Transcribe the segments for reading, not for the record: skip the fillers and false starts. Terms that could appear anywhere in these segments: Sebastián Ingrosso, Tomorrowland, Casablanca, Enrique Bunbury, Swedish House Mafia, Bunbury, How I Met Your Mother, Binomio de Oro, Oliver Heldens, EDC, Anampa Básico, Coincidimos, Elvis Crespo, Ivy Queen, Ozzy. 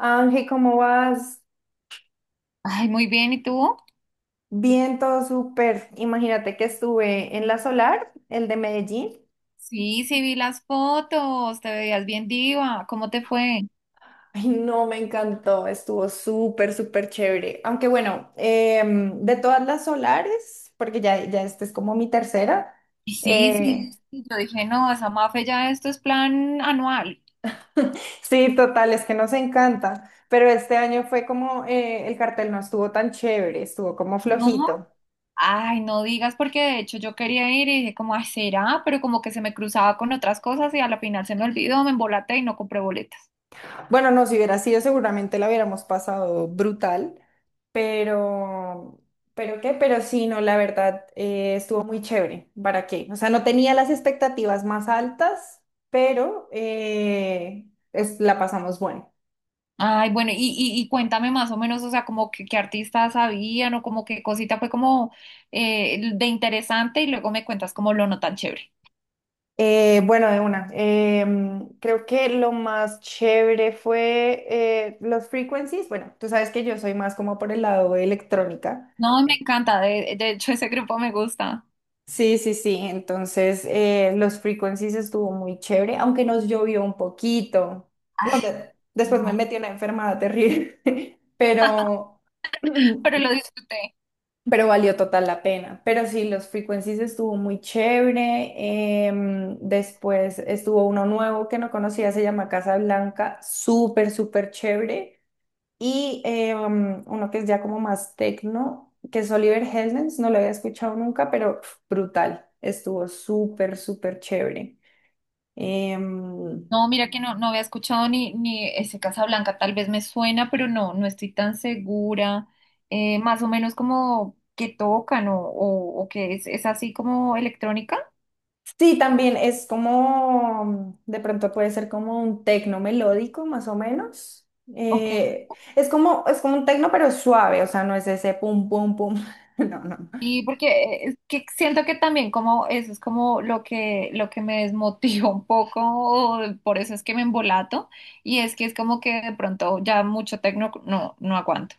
Ángel, ¿cómo vas? Ay, muy bien, ¿y tú? Bien, todo súper. Imagínate que estuve en la Solar, el de Medellín. Sí, sí, vi las fotos, te veías bien diva, ¿cómo te fue? Ay, no, me encantó, estuvo súper, súper chévere. Aunque bueno, de todas las solares, porque ya esta es como mi tercera. Sí, eh, sí. Yo dije, no, esa Mafe ya esto es plan anual. sí, total, es que nos encanta. Pero este año fue como el cartel no estuvo tan chévere, estuvo como No, flojito. ay, no digas, porque de hecho yo quería ir y dije, como, ay, será, pero como que se me cruzaba con otras cosas y a la final se me olvidó, me embolaté y no compré boletas. Bueno, no, si hubiera sido, seguramente la hubiéramos pasado brutal. Pero, pero sí, no, la verdad, estuvo muy chévere. ¿Para qué? O sea, no tenía las expectativas más altas, pero la pasamos bueno. Ay, bueno, y cuéntame más o menos, o sea, como que qué artistas habían o como qué cosita fue como de interesante y luego me cuentas como lo no tan chévere. Bueno, de una. Creo que lo más chévere fue los frequencies. Bueno, tú sabes que yo soy más como por el lado de electrónica. No, me encanta, de hecho ese grupo me gusta. Sí, sí, sí. Entonces, los frequencies estuvo muy chévere, aunque nos llovió un poquito. Ay, No, después me no. metí una enfermada terrible, pero, Pero lo disfruté. pero valió total la pena. Pero sí, los frequencies estuvo muy chévere. Después estuvo uno nuevo que no conocía, se llama Casa Blanca, súper, súper chévere y uno que es ya como más tecno, que es Oliver Heldens, no lo había escuchado nunca, pero pf, brutal, estuvo súper, súper chévere. Em, No, mira que no, no había escuchado ni ese Casablanca, tal vez me suena, pero no, no estoy tan segura. Más o menos como que tocan o que es así como electrónica. sí, también es como, de pronto puede ser como un tecno melódico, más o menos. Okay. Eh, es como, es como un tecno, pero suave, o sea, no es ese pum, pum, pum, no, no. Y porque es que siento que también como eso es como lo que me desmotiva un poco, o por eso es que me embolato, y es que es como que de pronto ya mucho tecno no, no aguanto.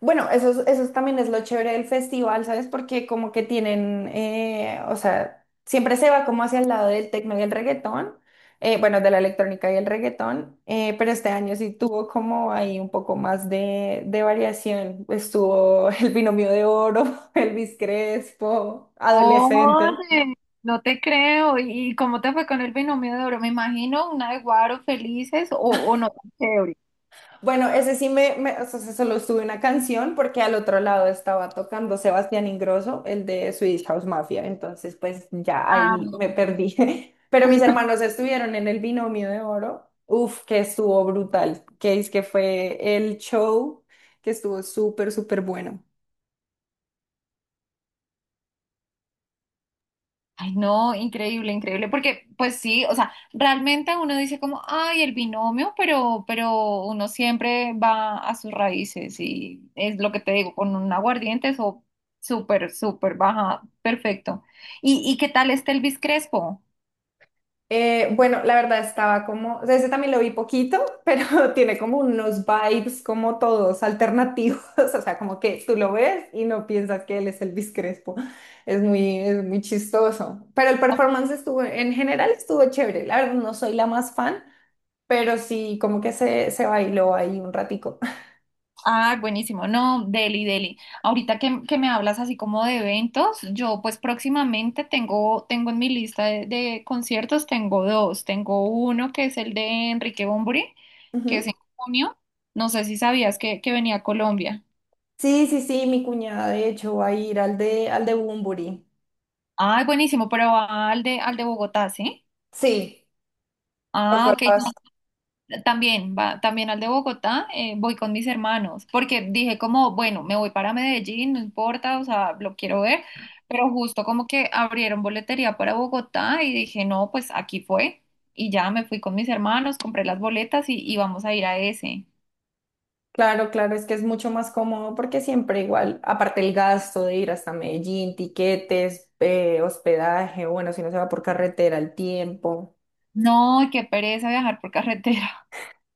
Bueno, también es lo chévere del festival, ¿sabes? Porque como que tienen, o sea, siempre se va como hacia el lado del tecno y el reggaetón, bueno, de la electrónica y el reggaetón, pero este año sí tuvo como ahí un poco más de variación. Estuvo el binomio de oro, Elvis Crespo, adolescentes. Oye, no te creo. ¿Y cómo te fue con el Binomio de Oro? Me imagino una de Guaro felices o no tan chévere. Bueno, ese sí o sea, se solo estuve una canción porque al otro lado estaba tocando Sebastián Ingrosso, el de Swedish House Mafia, entonces pues ya Ah, ahí no, me perdí. Pero mis hermanos estuvieron en el Binomio de Oro, uf, que estuvo brutal, que es que fue el show que estuvo súper, súper bueno. ay, no, increíble, increíble. Porque, pues sí, o sea, realmente uno dice como, ay, el binomio, pero uno siempre va a sus raíces y es lo que te digo, con un aguardiente, eso súper, súper baja, perfecto. Y qué tal está Elvis Crespo? Bueno, la verdad estaba como, o sea, ese también lo vi poquito, pero tiene como unos vibes como todos alternativos, o sea, como que tú lo ves y no piensas que él es Elvis Crespo. Es muy chistoso. Pero el performance estuvo, en general estuvo chévere. La verdad no soy la más fan, pero sí como que se bailó ahí un ratico. Ah, buenísimo. No, deli, deli. Ahorita que me hablas así como de eventos, yo pues próximamente tengo, tengo en mi lista de conciertos, tengo dos. Tengo uno que es el de Enrique Bunbury, que es Ujú. en junio. No sé si sabías que venía a Colombia. Sí, sí, sí, mi cuñada de hecho va a ir al de Bunbury. Ah, buenísimo, pero va al de Bogotá, ¿sí? Sí, ¿te Ah, ok. acuerdas? También, va, también al de Bogotá, voy con mis hermanos, porque dije como, bueno, me voy para Medellín, no importa, o sea, lo quiero ver, pero justo como que abrieron boletería para Bogotá y dije, no, pues aquí fue, y ya me fui con mis hermanos, compré las boletas y vamos a ir a ese. Claro, claro, es que es mucho más cómodo porque siempre igual, aparte el gasto de ir hasta Medellín, tiquetes, hospedaje, bueno, si no se va por carretera, el tiempo. No, qué pereza viajar por carretera,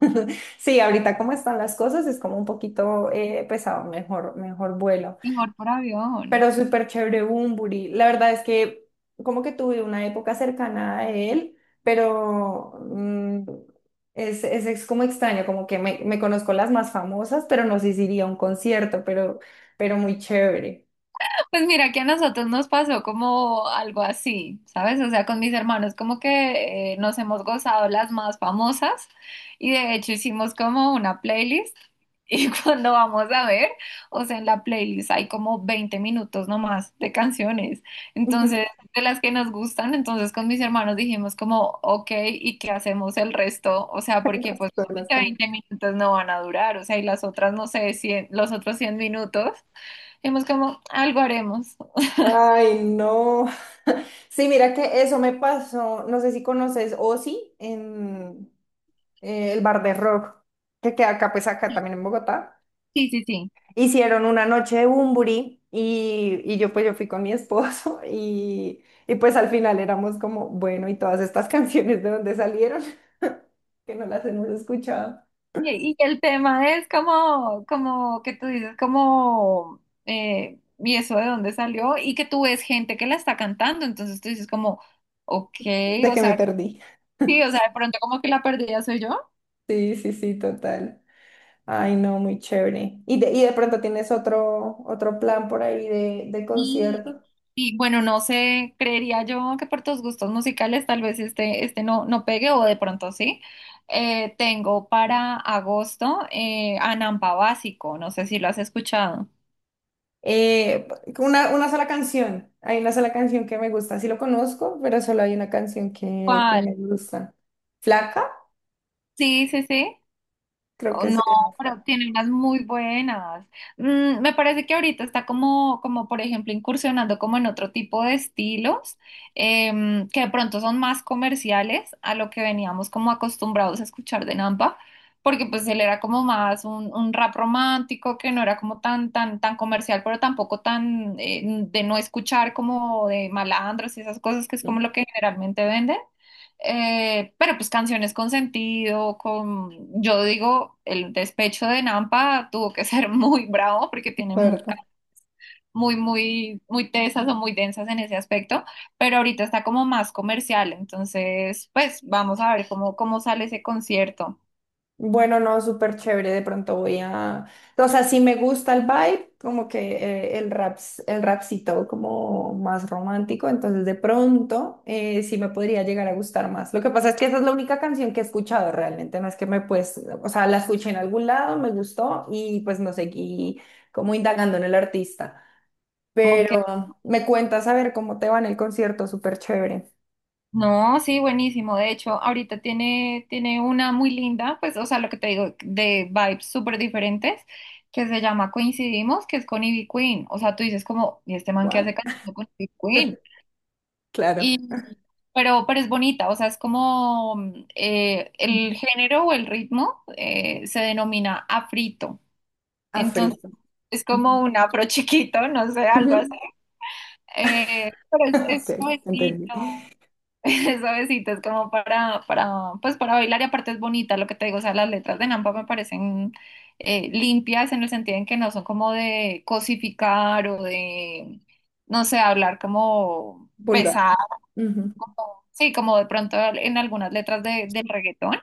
Sí, ahorita como están las cosas es como un poquito pesado, mejor, mejor vuelo, mejor por avión. pero súper chévere Bumburi. La verdad es que como que tuve una época cercana a él, pero mm, es como extraño, como que me conozco las más famosas, pero no sé si iría a un concierto, pero muy chévere. Pues mira que a nosotros nos pasó como algo así, ¿sabes? O sea, con mis hermanos como que nos hemos gozado las más famosas y de hecho hicimos como una playlist y cuando vamos a ver, o sea, en la playlist hay como 20 minutos nomás de canciones, Ujú. entonces de las que nos gustan, entonces con mis hermanos dijimos como, ok, ¿y qué hacemos el resto? O sea, El porque pues resto de las solamente can- 20 minutos no van a durar, o sea, y las otras, no sé, 100, los otros 100 minutos. Hemos como, algo haremos. Ay, no. Sí, mira que eso me pasó, no sé si conoces Ozzy en... el bar de rock que queda acá, pues acá Sí, también en Bogotá. sí, sí, sí. Hicieron una noche de Bumburi y yo pues yo fui con mi esposo y pues al final éramos como, bueno, ¿y todas estas canciones de dónde salieron? Que no las hemos escuchado. Y el tema es como, como que tú dices, como, y eso de dónde salió, y que tú ves gente que la está cantando, entonces tú dices como, ok, De o que me sea, perdí. sí, o sea, de pronto como que la perdida soy yo. Sí, sí, sí, total. Ay, no, muy chévere. ¿Y y de pronto tienes otro, otro plan por ahí de Y, concierto? y bueno, no sé, creería yo que por tus gustos musicales tal vez este, este no, no pegue, o de pronto sí. Tengo para agosto Anampa Básico, no sé si lo has escuchado. Eh, una sola canción. Hay una sola canción que me gusta. Sí lo conozco, pero solo hay una canción que me gusta. Flaca, Sí, sí, sí. creo Oh, que no, se llama Flaca. pero tiene unas muy buenas. Mm, me parece que ahorita está como, como, por ejemplo, incursionando como en otro tipo de estilos, que de pronto son más comerciales a lo que veníamos como acostumbrados a escuchar de Nampa, porque pues él era como más un rap romántico que no era como tan, tan, tan comercial, pero tampoco tan de no escuchar como de malandros y esas cosas que es No como me lo que generalmente venden. Pero pues canciones con sentido, con, yo digo, el despecho de Nampa tuvo que ser muy bravo porque tiene mu- acuerdo. muy, muy, muy tesas o muy densas en ese aspecto, pero ahorita está como más comercial, entonces pues vamos a ver cómo, cómo sale ese concierto. Bueno, no, súper chévere. De pronto voy a. O sea, sí me gusta el vibe, como que el rap, el rapcito como más romántico. Entonces, de pronto sí me podría llegar a gustar más. Lo que pasa es que esa es la única canción que he escuchado realmente. No es que me pues. O sea, la escuché en algún lado, me gustó y pues no seguí como indagando en el artista. Ok. Pero me cuentas a ver cómo te va en el concierto, súper chévere. No, sí, buenísimo. De hecho, ahorita tiene, tiene una muy linda, pues, o sea, lo que te digo, de vibes súper diferentes, que se llama Coincidimos, que es con Ivy Queen. O sea, tú dices como, ¿y este man que What? hace cantando con Ivy Queen? Claro. Y, pero es bonita, o sea, es como mm, Ujú. el género o el ritmo se denomina afrito. A Entonces, frito. es Ujú. como un afro chiquito, no sé, Ujú. algo así. Pero Ok, es entendí. suavecito, es suavecito, es como para, pues para bailar y aparte es bonita lo que te digo, o sea, las letras de Nampa me parecen limpias en el sentido en que no son como de cosificar o de, no sé, hablar como Vulgar. pesado, Ujú. sí, como de pronto en algunas letras de, del reggaetón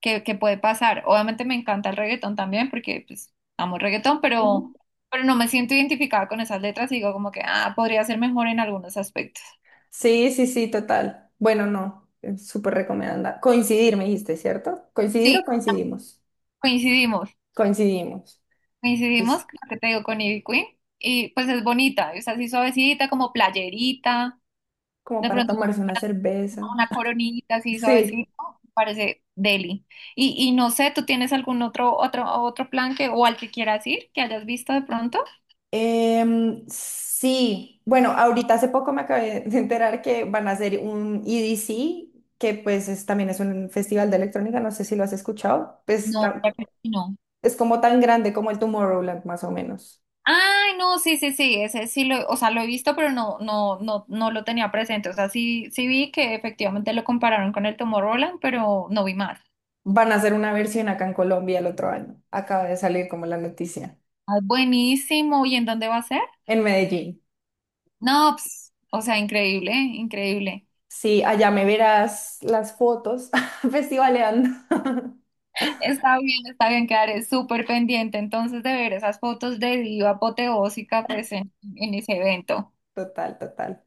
que puede pasar. Obviamente me encanta el reggaetón también porque pues amo el reggaetón, Ujú. pero no me siento identificada con esas letras y digo como que, ah, podría ser mejor en algunos aspectos. Sí, sí, sí, total. Bueno, no, es súper recomendada. Coincidir, me dijiste, ¿cierto? ¿Coincidir Sí, o coincidimos? coincidimos. Coincidimos. Coincidimos, Es lo que te digo, con Ivy Queen. Y pues es bonita, es así suavecita, como playerita, como de para pronto con tomarse una cerveza. una coronita así Sí. suavecita, parece deli. Y no sé, ¿tú tienes algún otro, otro, otro plan que, o al que quieras ir, que hayas visto de pronto? Sí. Bueno, ahorita hace poco me acabé de enterar que van a hacer un EDC, que pues también es un festival de electrónica, no sé si lo has escuchado. No, ya creo que no. Es como tan grande como el Tomorrowland, más o menos. Ay, no, sí, sí, sí, ese sí lo, o sea, lo he visto, pero no, no, no, no lo tenía presente. O sea, sí, sí vi que efectivamente lo compararon con el Tomorrowland, pero no vi más. Van a hacer una versión acá en Colombia el otro año. Acaba de salir como la noticia. Ah, buenísimo, ¿y en dónde va a ser? En Medellín. No, ps, o sea, increíble, increíble. Sí, allá me verás las fotos festivaleando. Está bien, quedaré súper pendiente entonces de ver esas fotos de diva apoteósica pues en ese evento. Total, total,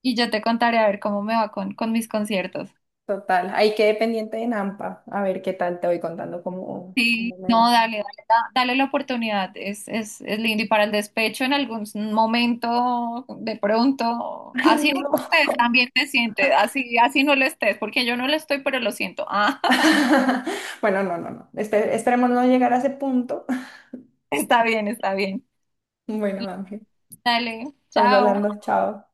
Y yo te contaré a ver cómo me va con mis conciertos. total. Ahí quedé pendiente de Nampa. A ver qué tal te voy contando cómo, Sí, cómo me va. no, dale, dale, da- dale la oportunidad, es lindo. Y para el despecho en algún momento, de pronto, Ay, así no lo no. estés, también te sientes, así, así no lo estés, porque yo no lo estoy, pero lo siento. Ah, Bueno, no, no, no. Esperemos no llegar a ese punto. está bien, está bien. Bueno, Ángel, Dale, estamos chao. hablando. Chao.